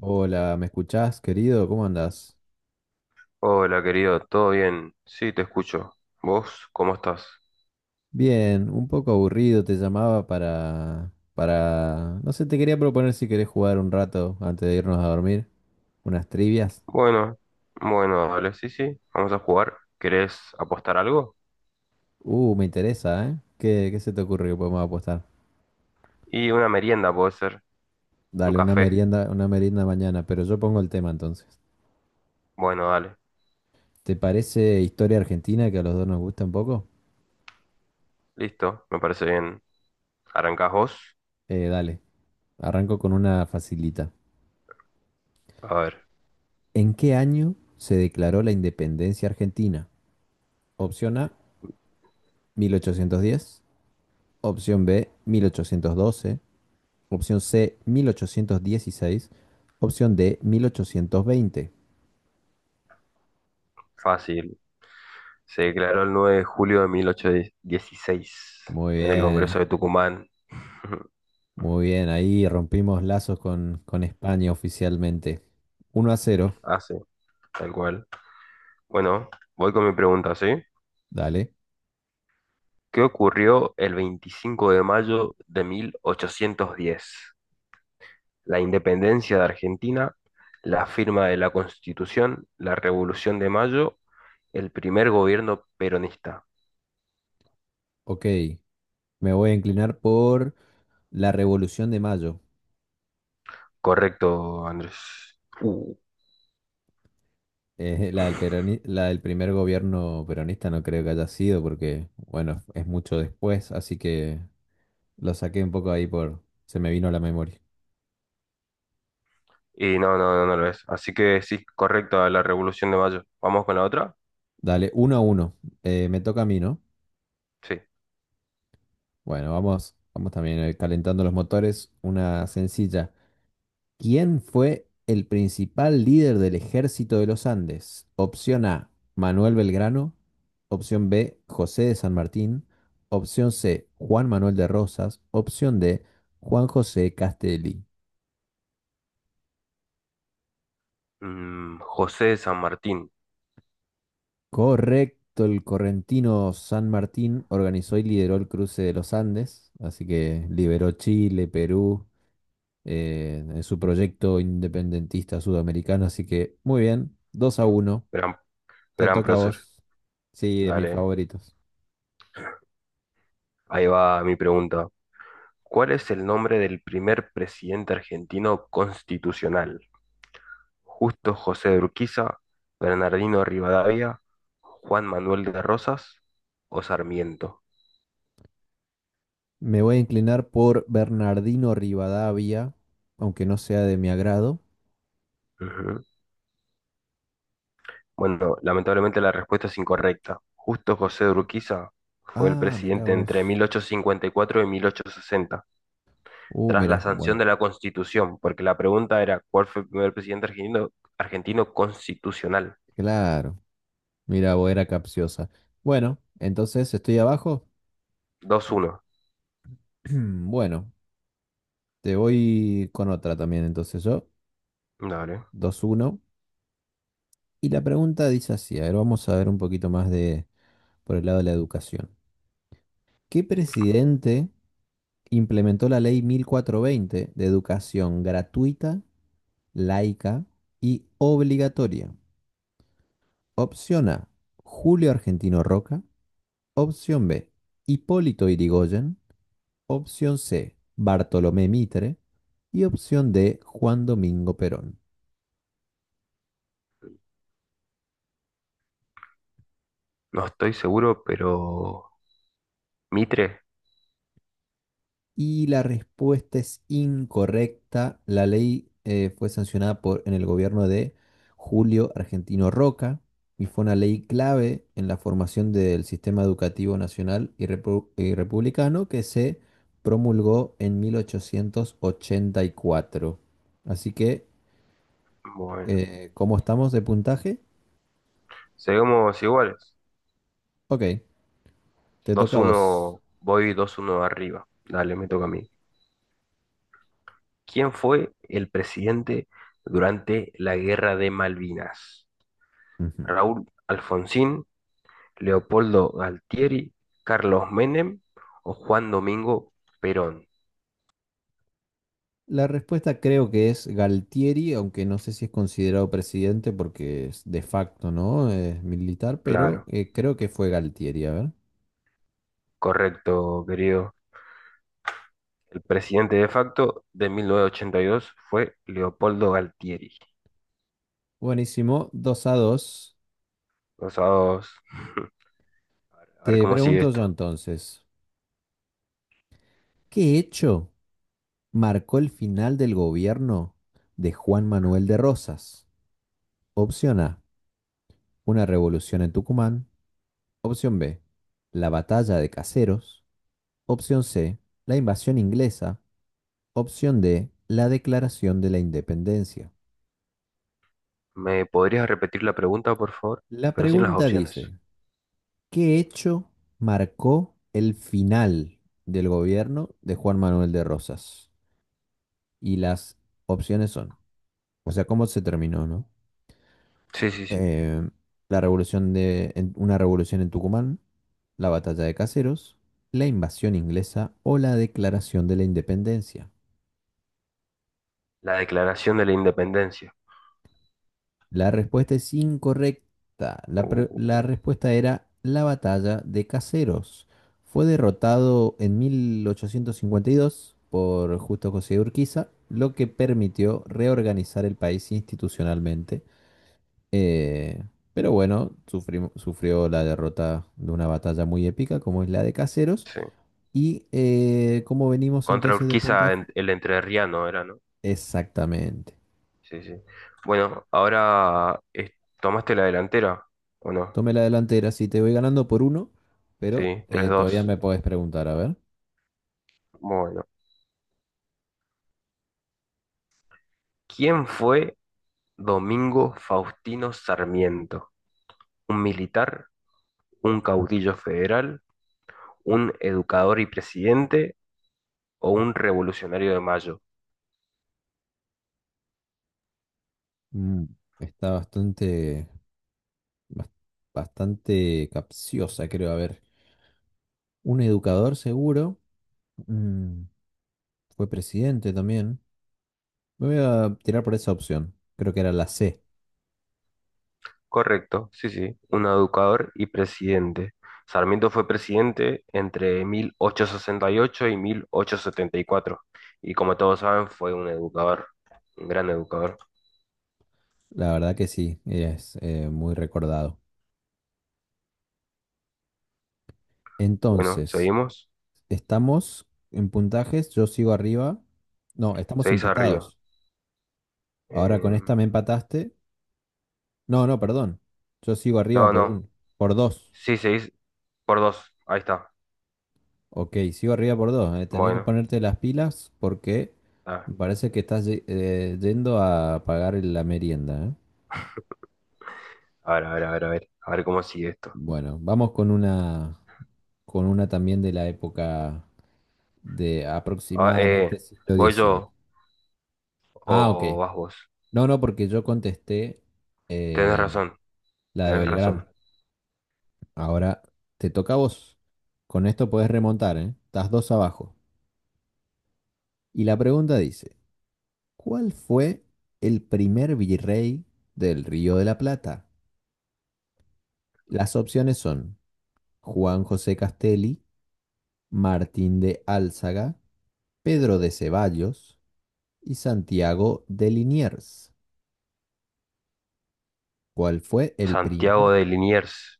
Hola, ¿me escuchás, querido? ¿Cómo andás? Hola, querido, ¿todo bien? Sí, te escucho. ¿Vos cómo estás? Bien, un poco aburrido, te llamaba para, no sé, te quería proponer si querés jugar un rato antes de irnos a dormir, unas trivias. Bueno, bueno, dale, sí, sí, vamos a jugar. ¿Querés apostar algo? Me interesa, ¿eh? ¿Qué se te ocurre que podemos apostar? Y una merienda puede ser, un Dale, café. Una merienda mañana, pero yo pongo el tema entonces. Bueno, dale, ¿Te parece historia argentina que a los dos nos gusta un poco? listo, me parece bien. ¿Arrancás vos? Dale, arranco con una facilita. A ver, ¿En qué año se declaró la independencia argentina? Opción A, 1810. Opción B, 1812. Opción C, 1816. Opción D, 1820. fácil. Se declaró el 9 de julio de 1816 Muy en el Congreso bien, de Tucumán. muy bien. Ahí rompimos lazos con España oficialmente. 1-0. Ah, sí, tal cual. Bueno, voy con mi pregunta, ¿sí? Dale. ¿Qué ocurrió el 25 de mayo de 1810? La independencia de Argentina, la firma de la Constitución, la Revolución de Mayo, el primer gobierno peronista. Ok, me voy a inclinar por la Revolución de Mayo. Correcto, Andrés. Uh, la del primer gobierno peronista no creo que haya sido porque, bueno, es mucho después, así que lo saqué un poco ahí por... Se me vino a la memoria. Y no, no, no, no lo es. Así que sí, correcto a la Revolución de Mayo. ¿Vamos con la otra? Dale, 1-1. Me toca a mí, ¿no? Sí. Bueno, vamos también calentando los motores. Una sencilla. ¿Quién fue el principal líder del ejército de los Andes? Opción A, Manuel Belgrano. Opción B, José de San Martín. Opción C, Juan Manuel de Rosas. Opción D, Juan José Castelli. José de San Martín, Correcto, el correntino San Martín organizó y lideró el cruce de los Andes, así que liberó Chile, Perú, en su proyecto independentista sudamericano. Así que muy bien, 2-1, gran, te gran toca a prócer. vos. Sí, de mis Dale, favoritos. ahí va mi pregunta. ¿Cuál es el nombre del primer presidente argentino constitucional? Justo José de Urquiza, Bernardino Rivadavia, Juan Manuel de Rosas o Sarmiento. Me voy a inclinar por Bernardino Rivadavia, aunque no sea de mi agrado. Ujú. Bueno, lamentablemente la respuesta es incorrecta. Justo José de Urquiza fue el Ah, mira presidente entre vos. mil ochocientos cincuenta y cuatro y mil ochocientos sesenta, Uh, tras la mira, sanción bueno, de la Constitución, porque la pregunta era, ¿cuál fue el primer presidente argentino constitucional? claro. Mira, vos era capciosa. Bueno, entonces estoy abajo. Dos uno. Bueno, te voy con otra también, entonces yo. Dale. 2-1. Y la pregunta dice así, a ver, vamos a ver un poquito más de por el lado de la educación. ¿Qué presidente implementó la ley 1420 de educación gratuita, laica y obligatoria? Opción A, Julio Argentino Roca. Opción B, Hipólito Yrigoyen. Opción C, Bartolomé Mitre. Y opción D, Juan Domingo Perón. No estoy seguro, pero Mitre. Y la respuesta es incorrecta. La ley fue sancionada en el gobierno de Julio Argentino Roca y fue una ley clave en la formación del sistema educativo nacional y republicano que se promulgó en 1884. Así que, Bueno, ¿cómo estamos de puntaje? seguimos iguales. Ok, te toca Dos a vos. uno voy dos uno arriba. Dale, me toca a mí. ¿Quién fue el presidente durante la Guerra de Malvinas? Ujú. ¿Raúl Alfonsín, Leopoldo Galtieri, Carlos Menem o Juan Domingo Perón? La respuesta creo que es Galtieri, aunque no sé si es considerado presidente porque es de facto, ¿no? Es militar, pero Claro, creo que fue Galtieri, a ver. correcto, querido. El presidente de facto de 1982 fue Leopoldo Galtieri. Buenísimo, 2-2. Dos a dos. A ver Te cómo sigue pregunto yo esto. entonces, ¿qué hecho marcó el final del gobierno de Juan Manuel de Rosas? Opción A, una revolución en Tucumán. Opción B, la batalla de Caseros. Opción C, la invasión inglesa. Opción D, la declaración de la independencia. ¿Me podrías repetir la pregunta, por favor? La Pero sin las pregunta opciones. dice, ¿qué hecho marcó el final del gobierno de Juan Manuel de Rosas? Y las opciones son, o sea, ¿cómo se terminó, no? Sí, sí, sí. Eh, la revolución de, en- una revolución en Tucumán, la batalla de Caseros, la invasión inglesa o la declaración de la independencia. La Declaración de la Independencia. La respuesta es incorrecta. La Uh, respuesta era la batalla de Caseros. Fue derrotado en 1852 por Justo José de Urquiza, lo que permitió reorganizar el país institucionalmente. Eh, pero bueno, sufrió la derrota de una batalla muy épica como es la de Caseros. sí. ¿Y cómo venimos Contra entonces de Urquiza, puntaje? El entrerriano era, ¿no? Exactamente. Sí, sí. Bueno, ahora tomaste la delantera, ¿o no? Tomé la delantera, sí, te voy ganando por uno, pero Sí, tres todavía dos. me podés preguntar, a ver. Bueno. ¿Quién fue Domingo Faustino Sarmiento? ¿Un militar? ¿Un caudillo federal? ¿Un educador y presidente? ¿O un revolucionario de mayo? Mm, está bastante, bas- bastante capciosa, creo. A ver, un educador seguro, mm, fue presidente también. Me voy a tirar por esa opción, creo que era la C. Correcto, sí, sí, un educador y presidente. Sarmiento fue presidente entre mil ochocientos sesenta y 1874 y mil ochocientos setenta y cuatro. Y como todos saben fue un educador, un gran educador. La verdad que sí, es muy recordado. Bueno, Entonces, estamos en puntajes, yo sigo arriba. No, estamos seguís arriba. empatados. Ahora con Eh, esta me empataste. No, no, perdón. Yo sigo arriba no, por no, un, por dos. sí, seguís por dos, ahí está. Ok, sigo arriba por dos. Tenés que Bueno, ponerte las pilas porque a me parece que estás yendo a pagar la merienda. a ver, a ver, a ver, a ver, a ver cómo sigue esto. Bueno, vamos con una, también de la época de Ah, aproximadamente siglo ¿voy dieciocho. yo Ah, ok. o vas vos? No, no, porque yo contesté Tenés eh, razón, la de tenés razón. Belgrano. Ahora te toca a vos. Con esto podés remontar, ¿eh? Estás dos abajo. Y la pregunta dice. ¿Cuál fue el primer virrey del Río de la Plata? Las opciones son Juan José Castelli, Martín de Álzaga, Pedro de Ceballos y Santiago de Liniers. ¿Cuál fue el Santiago primer? de Liniers,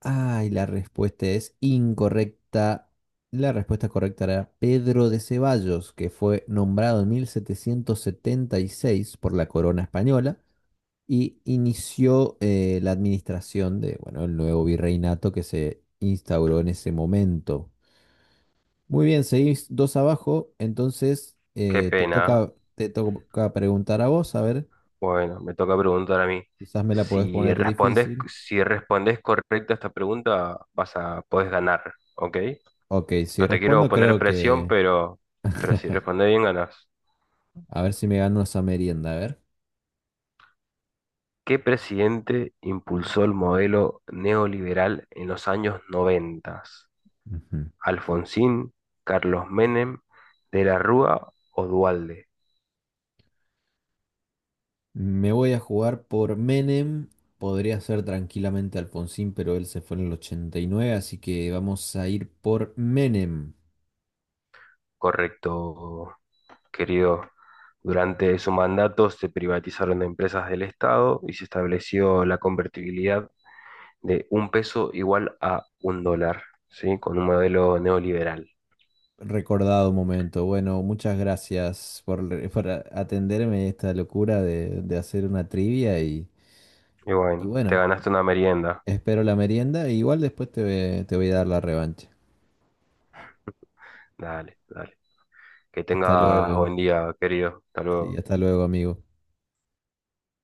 Ay, la respuesta es incorrecta. La respuesta correcta era Pedro de Ceballos, que fue nombrado en 1776 por la corona española y inició la administración de, bueno, el nuevo virreinato que se instauró en ese momento. Muy bien, seguís dos abajo, entonces qué te pena. toca, ¿Eh? te toca preguntar a vos, a ver, Bueno, me toca preguntar a mí. quizás me la podés Si poner respondes, difícil. si respondes correcta esta pregunta, podés ganar, ¿ok? Ok, si No te quiero respondo poner creo presión, que, pero si respondes bien, ganás. a ver si me gano esa merienda, a ver. ¿Qué presidente impulsó el modelo neoliberal en los años 90? Ujú. ¿Alfonsín, Carlos Menem, De la Rúa o Duhalde? Me voy a jugar por Menem, podría ser tranquilamente Alfonsín, pero él se fue en el 89 así que vamos a ir por Menem. Correcto, querido. Durante su mandato se privatizaron empresas del Estado y se estableció la convertibilidad de un peso igual a un dólar, ¿sí? Con un modelo neoliberal. Recordado momento. Bueno, muchas gracias por atenderme esta locura de hacer una trivia y, Y y bueno, te bueno, ganaste una merienda. espero la merienda. Igual después te voy a dar la revancha. Dale, dale. Que Hasta tengas luego. buen día, querido. Hasta Sí, luego. hasta luego, amigo.